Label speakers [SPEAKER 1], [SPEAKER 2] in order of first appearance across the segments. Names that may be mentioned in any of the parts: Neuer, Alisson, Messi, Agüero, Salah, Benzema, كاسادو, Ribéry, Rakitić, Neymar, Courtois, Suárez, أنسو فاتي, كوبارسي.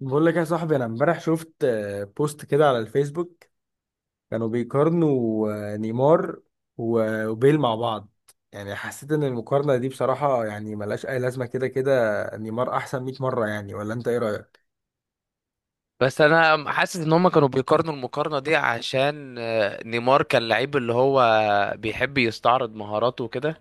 [SPEAKER 1] بقول لك يا صاحبي، انا امبارح شفت بوست كده على الفيسبوك. كانوا بيقارنوا نيمار وبيل مع بعض. يعني حسيت ان المقارنة دي بصراحة يعني ملهاش اي لازمة. كده كده نيمار احسن 100 مرة يعني، ولا انت ايه رأيك؟
[SPEAKER 2] بس انا حاسس ان هم كانوا بيقارنوا المقارنه دي عشان نيمار كان لعيب اللي هو بيحب يستعرض مهاراته وكده.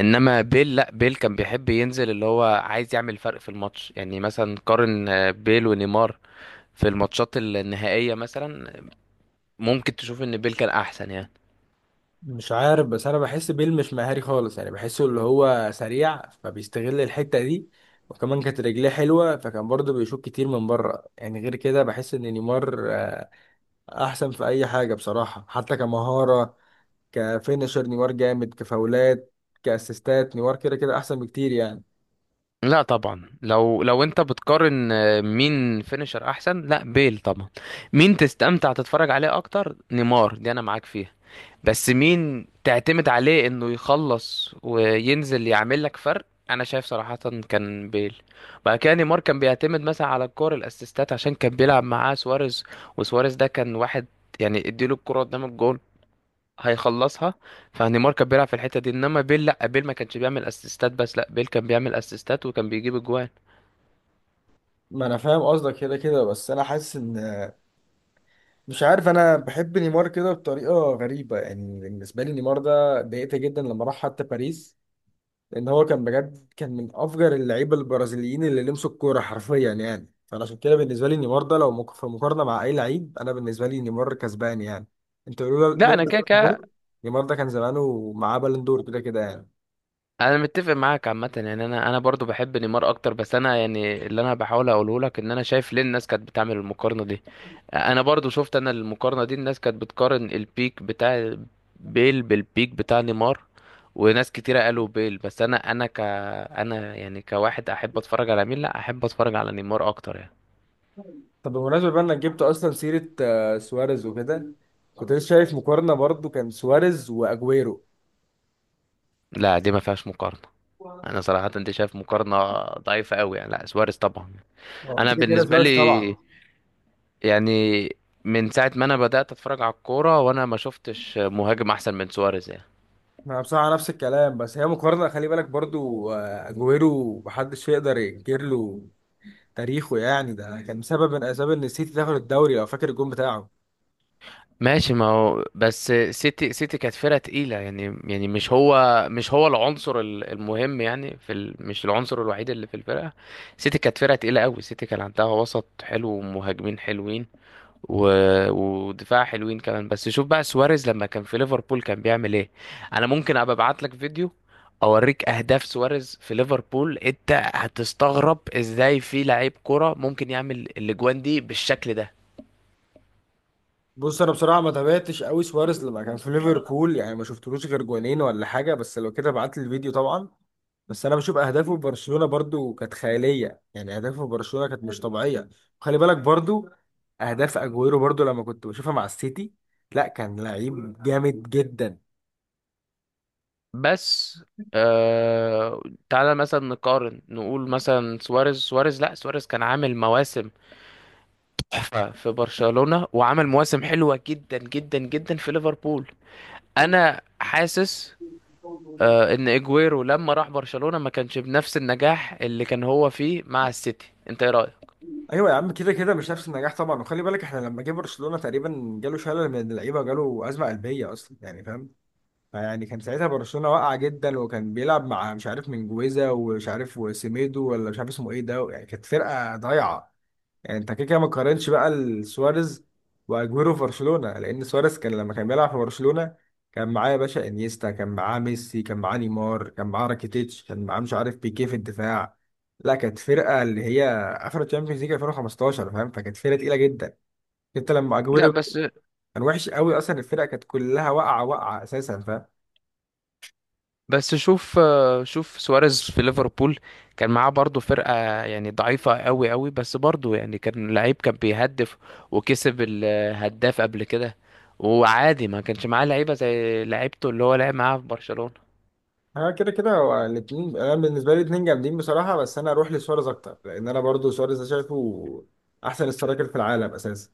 [SPEAKER 2] انما بيل، لا بيل كان بيحب ينزل اللي هو عايز يعمل فرق في الماتش. يعني مثلا قارن بيل ونيمار في الماتشات النهائيه مثلا، ممكن تشوف ان بيل كان احسن يعني.
[SPEAKER 1] مش عارف، بس انا بحس بيل مش مهاري خالص. يعني بحسه اللي هو سريع فبيستغل الحتة دي، وكمان كانت رجليه حلوة فكان برضه بيشوط كتير من بره. يعني غير كده بحس ان نيمار احسن في اي حاجة بصراحة، حتى كمهارة. كفينشر نيمار جامد، كفاولات كاسيستات نيمار كده كده احسن بكتير يعني.
[SPEAKER 2] لا طبعا، لو انت بتقارن مين فينيشر احسن، لا بيل طبعا. مين تستمتع تتفرج عليه اكتر، نيمار، دي انا معاك فيها. بس مين تعتمد عليه انه يخلص وينزل يعمل لك فرق، انا شايف صراحة كان بيل. بعد كده نيمار كان بيعتمد مثلا على الكور، الاسيستات، عشان كان بيلعب معاه سواريز، وسواريز ده كان واحد، يعني اديله الكرة قدام الجول هيخلصها. فنيمار كان بيلعب في الحتة دي، انما بيل لا بيل ما كانش بيعمل اسيستات بس، لا بيل كان بيعمل اسيستات وكان بيجيب اجوان.
[SPEAKER 1] ما انا فاهم قصدك كده كده، بس انا حاسس ان، مش عارف، انا بحب نيمار كده بطريقه غريبه. يعني بالنسبه لي نيمار ده ضايقت جدا لما راح حتى باريس، لان هو كان بجد كان من افجر اللعيبه البرازيليين اللي لمسوا الكوره حرفيا. يعني فانا عشان كده بالنسبه لي نيمار ده لو في مقارنه مع اي لعيب، انا بالنسبه لي نيمار كسبان يعني. انت لولا
[SPEAKER 2] لا انا
[SPEAKER 1] لولا
[SPEAKER 2] كده
[SPEAKER 1] نيمار،
[SPEAKER 2] كده.
[SPEAKER 1] نيمار ده كان زمانه معاه بالون دور كده كده يعني.
[SPEAKER 2] انا متفق معاك عامه يعني، انا برضو بحب نيمار اكتر، بس انا يعني اللي انا بحاول اقوله لك ان انا شايف ليه الناس كانت بتعمل المقارنه دي. انا برضو شفت انا المقارنه دي، الناس كانت بتقارن البيك بتاع بيل بالبيك بتاع نيمار، وناس كتيره قالوا بيل، بس انا انا ك انا يعني كواحد احب اتفرج على مين، لا احب اتفرج على نيمار اكتر يعني.
[SPEAKER 1] طب بمناسبة بقى انك جبت اصلا سيرة سواريز وكده، كنت لسه شايف مقارنة برضو كان سواريز واجويرو.
[SPEAKER 2] لا دي ما فيهاش مقارنه.
[SPEAKER 1] ما
[SPEAKER 2] انا صراحه انت شايف مقارنه ضعيفه قوي يعني، لا سواريز طبعا.
[SPEAKER 1] هو
[SPEAKER 2] انا
[SPEAKER 1] كده كده
[SPEAKER 2] بالنسبه
[SPEAKER 1] سواريز طبعا.
[SPEAKER 2] لي، يعني من ساعة ما انا بدأت اتفرج على الكورة وانا ما شفتش مهاجم احسن من سواريز يعني.
[SPEAKER 1] انا بصراحة نفس الكلام، بس هي مقارنة خلي بالك برضو اجويرو محدش يقدر ينكر له تاريخه. يعني ده كان سبب من اسباب ان السيتي تاخد الدوري لو فاكر الجون بتاعه.
[SPEAKER 2] ماشي، ما هو بس سيتي كانت فرقة تقيلة يعني، مش هو العنصر المهم يعني في مش العنصر الوحيد اللي في الفرقة. سيتي كانت فرقة تقيلة قوي، سيتي كان عندها وسط حلو ومهاجمين حلوين و... ودفاع حلوين كمان. بس شوف بقى سواريز لما كان في ليفربول كان بيعمل ايه. انا ممكن ابقى ابعت لك فيديو اوريك اهداف سواريز في ليفربول، انت هتستغرب ازاي في لعيب كرة ممكن يعمل الاجوان دي بالشكل ده.
[SPEAKER 1] بص، انا بصراحة ما تابعتش قوي سواريز لما كان في ليفربول، يعني ما شفتلوش غير جونين ولا حاجة، بس لو كده ابعت لي الفيديو طبعا. بس انا بشوف اهدافه في برشلونه برضو كانت خياليه، يعني اهدافه في برشلونه كانت مش طبيعيه. خلي بالك برضو اهداف اجويرو برضو لما كنت بشوفها مع السيتي، لا كان لعيب جامد جدا.
[SPEAKER 2] بس آه... تعالى مثلا نقارن، نقول مثلا سواريز، سواريز لا سواريز كان عامل مواسم تحفة في برشلونة وعمل مواسم حلوة جدا جدا جدا في ليفربول. انا حاسس ان اجويرو لما راح برشلونة ما كانش بنفس النجاح اللي كان هو فيه مع السيتي، انت ايه رأيك؟
[SPEAKER 1] ايوه يا عم كده كده مش نفس النجاح طبعا، وخلي بالك احنا لما جه برشلونه تقريبا جاله شلل من اللعيبه وجاله ازمه قلبيه اصلا، يعني فاهم؟ فيعني كان ساعتها برشلونه واقعه جدا، وكان بيلعب مع مش عارف من جويزا ومش عارف وسيميدو ولا مش عارف اسمه ايه ده، يعني كانت فرقه ضايعه. يعني انت كده كده ما تقارنش بقى سواريز واجويرو في برشلونه، لان سواريز كان لما كان بيلعب في برشلونه كان معاه يا باشا انيستا، كان معاه ميسي، كان معاه نيمار، كان معاه راكيتيتش، كان معاه مش عارف بيكيه في الدفاع. لا كانت فرقه اللي هي اخر تشامبيونز ليج 2015 فاهم؟ فكانت فرقه تقيله جدا. انت لما
[SPEAKER 2] لا
[SPEAKER 1] اجويرو
[SPEAKER 2] بس،
[SPEAKER 1] كان وحش قوي اصلا، الفرقه كانت كلها واقعه اساسا فاهم؟
[SPEAKER 2] شوف شوف سواريز في ليفربول كان معاه برضه فرقة يعني ضعيفة قوي قوي، بس برضه يعني كان لعيب، كان بيهدف وكسب الهداف قبل كده، وعادي ما كانش معاه لعيبة زي لعيبته اللي هو لعب معاها في برشلونة.
[SPEAKER 1] انا كده كده هو الاتنين، انا بالنسبه لي الاتنين جامدين بصراحه، بس انا اروح لسواريز اكتر لان انا برضو سواريز ده شايفه احسن سترايكر في العالم اساسا.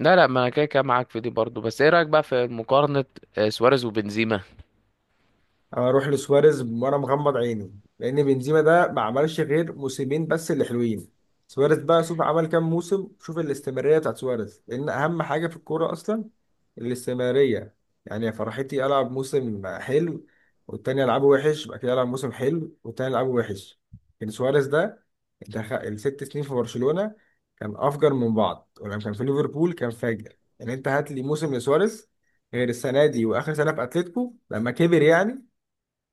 [SPEAKER 2] لا لا، ما انا كده كده معاك في دي برضه، بس ايه رأيك بقى في مقارنة سواريز وبنزيما؟
[SPEAKER 1] اروح لسواريز وانا مغمض عيني، لان بنزيما ده ما عملش غير موسمين بس اللي حلوين. سواريز بقى شوف عمل كام موسم، شوف الاستمراريه بتاعت سواريز، لان اهم حاجه في الكوره اصلا الاستمراريه. يعني يا فرحتي العب موسم حلو والتاني العبه وحش، بعد كده العب موسم حلو والتاني العبه وحش. لكن سواريز ده دخل الست سنين في برشلونه كان افجر من بعض، ولما كان في ليفربول كان فاجر. يعني انت هات لي موسم لسواريز غير السنه دي واخر سنه في اتلتيكو لما كبر يعني.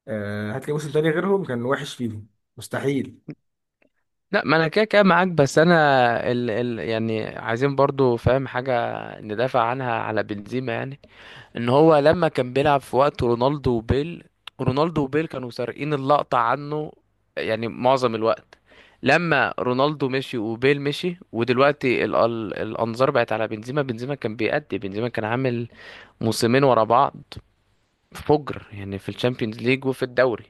[SPEAKER 1] هات لي موسم تاني غيرهم كان وحش فيهم، مستحيل.
[SPEAKER 2] لا ما انا كده كده معاك، بس انا ال ال يعني عايزين برضو فاهم حاجه ندافع عنها على بنزيما يعني. ان هو لما كان بيلعب في وقت رونالدو وبيل كانوا سارقين اللقطه عنه يعني معظم الوقت. لما رونالدو مشي وبيل مشي ودلوقتي ال ال الانظار بقت على بنزيما، بنزيما كان بيأدي، بنزيما كان عامل موسمين ورا بعض فجر يعني، في الشامبيونز ليج وفي الدوري.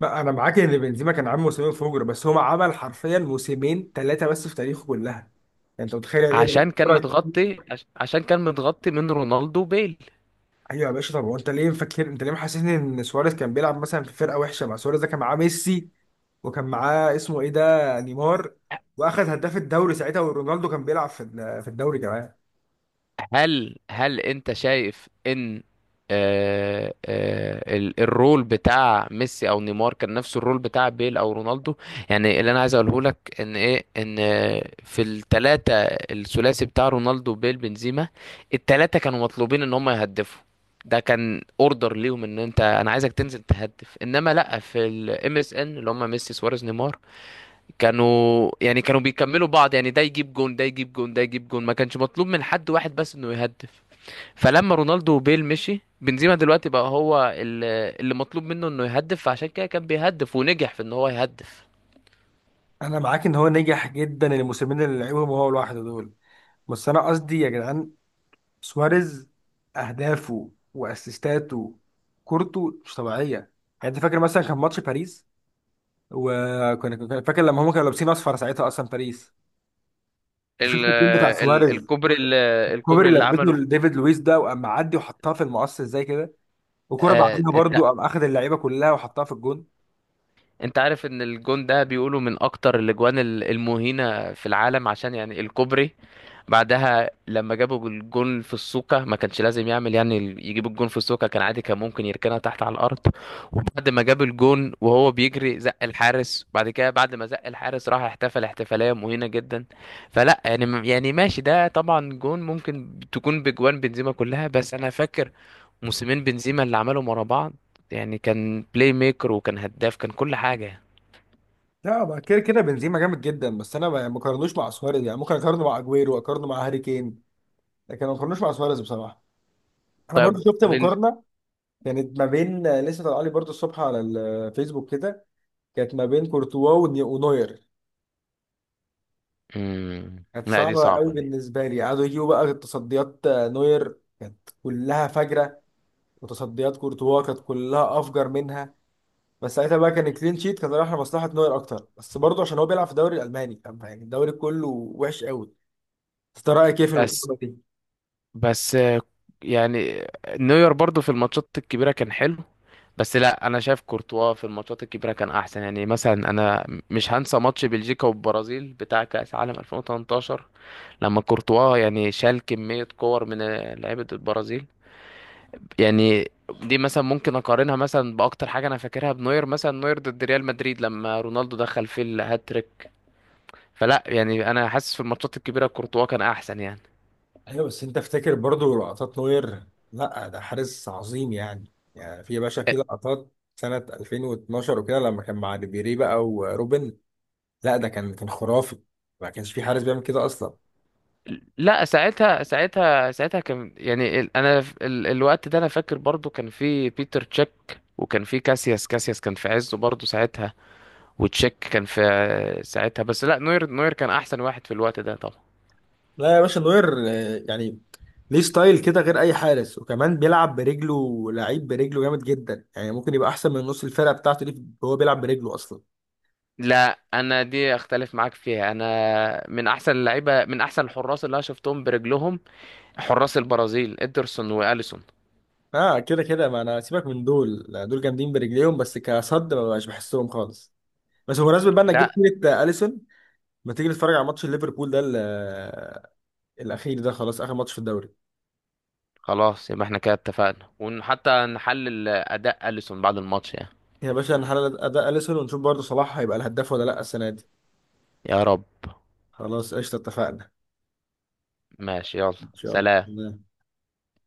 [SPEAKER 1] لا انا معاك ان بنزيما كان عامل موسمين فجر، بس هو عمل حرفيا موسمين ثلاثه بس في تاريخه كلها يعني. انت متخيل يعني ايه لعيب
[SPEAKER 2] عشان كان
[SPEAKER 1] كورة كتير؟
[SPEAKER 2] متغطي، عشان كان متغطي من رونالدو وبيل.
[SPEAKER 1] ايوه يا باشا. طب هو انت ليه مفكر، انت ليه محسسني ان سواريز كان بيلعب مثلا في فرقه وحشه؟ مع سواريز ده كان معاه ميسي، وكان معاه اسمه ايه ده، نيمار، واخد هداف الدوري ساعتها، ورونالدو كان بيلعب في في الدوري كمان.
[SPEAKER 2] هل انت شايف ان الرول بتاع ميسي او نيمار كان نفس الرول بتاع بيل او رونالدو؟ يعني اللي انا عايز اقوله لك ان ايه، ان في الثلاثه، الثلاثي بتاع رونالدو بيل بنزيما، الثلاثه كانوا مطلوبين ان هم يهدفوا، ده كان اوردر ليهم ان انت، انا عايزك تنزل تهدف. انما لا، في الام اس ان اللي هم ميسي سواريز نيمار كانوا يعني كانوا بيكملوا بعض يعني، ده يجيب جون، ده يجيب جون، ده يجيب جون، ما كانش مطلوب من حد واحد بس انه يهدف. فلما رونالدو وبيل مشي، بنزيما دلوقتي بقى هو اللي مطلوب منه انه يهدف، فعشان كده كان بيهدف ونجح في ان هو يهدف.
[SPEAKER 1] انا معاك ان هو نجح جدا الموسمين اللي لعبهم هو لوحده دول، بس انا قصدي يا جدعان سواريز اهدافه واسيستاته كورته مش طبيعيه. يعني انت فاكر مثلا كان ماتش باريس، وكان فاكر لما هم كانوا لابسين اصفر ساعتها اصلا باريس؟ انت
[SPEAKER 2] ال
[SPEAKER 1] شفت الجول بتاع
[SPEAKER 2] ال
[SPEAKER 1] سواريز؟
[SPEAKER 2] الكوبري، الكوبري
[SPEAKER 1] الكوبري اللي
[SPEAKER 2] اللي عمله
[SPEAKER 1] لبسته لديفيد لويس ده وقام معدي وحطها في المقص ازاي كده، وكرة
[SPEAKER 2] آه،
[SPEAKER 1] بعديها برضو قام اخد اللعيبه كلها وحطها في الجون.
[SPEAKER 2] انت عارف ان الجون ده بيقولوا من اكتر الاجوان المهينة في العالم، عشان يعني الكوبري، بعدها لما جابوا الجون في السوكة ما كانش لازم يعمل يعني يجيب الجون في السوكة، كان عادي كان ممكن يركنها تحت على الارض. وبعد ما جاب الجون وهو بيجري زق الحارس، بعد كده بعد ما زق الحارس راح احتفل احتفالية مهينة جدا. فلا يعني يعني ماشي، ده طبعا جون ممكن تكون بجوان بنزيما كلها، بس انا فاكر موسمين بنزيما اللي عملهم ورا بعض يعني كان بلاي ميكر وكان هداف، كان كل حاجة.
[SPEAKER 1] لا ما كده كده بنزيما جامد جدا، بس انا ما اقارنوش مع سواريز. يعني ممكن اقارنه مع اجويرو، اقارنه مع هاري كين، لكن ما اقارنوش مع سواريز بصراحه. انا برضو
[SPEAKER 2] طيب
[SPEAKER 1] شفت مقارنه كانت ما بين، لسه طالعه لي برضه الصبح على الفيسبوك كده، كانت ما بين كورتوا ونوير.
[SPEAKER 2] مم.
[SPEAKER 1] كانت
[SPEAKER 2] لا دي
[SPEAKER 1] صعبة قوي
[SPEAKER 2] صعبة دي.
[SPEAKER 1] بالنسبة لي، قعدوا يجيبوا بقى تصديات نوير كانت كلها فجرة، وتصديات كورتوا كانت كلها أفجر منها. بس ساعتها بقى كان كلين شيت، كان رايح لمصلحة نوير أكتر، بس برضه عشان هو بيلعب في الدوري الألماني فاهم؟ يعني الدوري كله وحش قوي. بس أنت رأيك إيه في
[SPEAKER 2] بس
[SPEAKER 1] المقارنة دي؟
[SPEAKER 2] بس يعني نوير برضو في الماتشات الكبيرة كان حلو، بس لا انا شايف كورتوا في الماتشات الكبيرة كان احسن يعني. مثلا انا مش هنسى ماتش بلجيكا والبرازيل بتاع كأس عالم 2018 لما كورتوا يعني شال كمية كور من لعيبة البرازيل يعني. دي مثلا ممكن اقارنها مثلا باكتر حاجة انا فاكرها بنوير، مثلا نوير ضد ريال مدريد لما رونالدو دخل في الهاتريك. فلا يعني انا حاسس في الماتشات الكبيره كورتوا كان احسن يعني.
[SPEAKER 1] ايوه بس انت افتكر برضو لقطات نوير، لا ده حارس عظيم يعني. يعني في يا باشا
[SPEAKER 2] أ-
[SPEAKER 1] في لقطات سنة 2012 وكده لما كان مع ريبيري بقى وروبن، لا ده كان كان خرافي، ما كانش في حارس بيعمل كده اصلا.
[SPEAKER 2] لا ساعتها كان يعني انا الوقت ده انا فاكر برضو كان في بيتر تشيك وكان في كاسياس، كان في عزه برضو ساعتها، وتشيك كان في ساعتها. بس لا نوير كان احسن واحد في الوقت ده طبعا.
[SPEAKER 1] لا يا باشا نوير يعني ليه ستايل كده غير اي حارس، وكمان بيلعب برجله لعيب برجله جامد جدا، يعني ممكن يبقى احسن من نص الفرقة بتاعته دي وهو بيلعب برجله اصلا.
[SPEAKER 2] لا انا دي اختلف معاك فيها. انا من احسن اللعيبه، من احسن الحراس اللي انا شفتهم برجلهم حراس البرازيل، ادرسون واليسون.
[SPEAKER 1] اه كده كده ما انا سيبك من دول، لا، دول جامدين برجليهم بس كصد ما بقاش بحسهم خالص. بس بمناسبة بقى انك
[SPEAKER 2] لا.
[SPEAKER 1] جبت سيرة اليسون، ما تيجي نتفرج على ماتش ليفربول ده الاخير ده؟ خلاص اخر ماتش في الدوري.
[SPEAKER 2] خلاص، يبقى احنا كده اتفقنا، وحتى نحلل اداء اليسون بعد الماتش يعني.
[SPEAKER 1] يا باشا نحلل اداء اليسون، ونشوف برضه صلاح هيبقى الهداف ولا لا السنه دي.
[SPEAKER 2] يا رب.
[SPEAKER 1] خلاص قشطه اتفقنا،
[SPEAKER 2] ماشي، يلا،
[SPEAKER 1] ان شاء
[SPEAKER 2] سلام.
[SPEAKER 1] الله.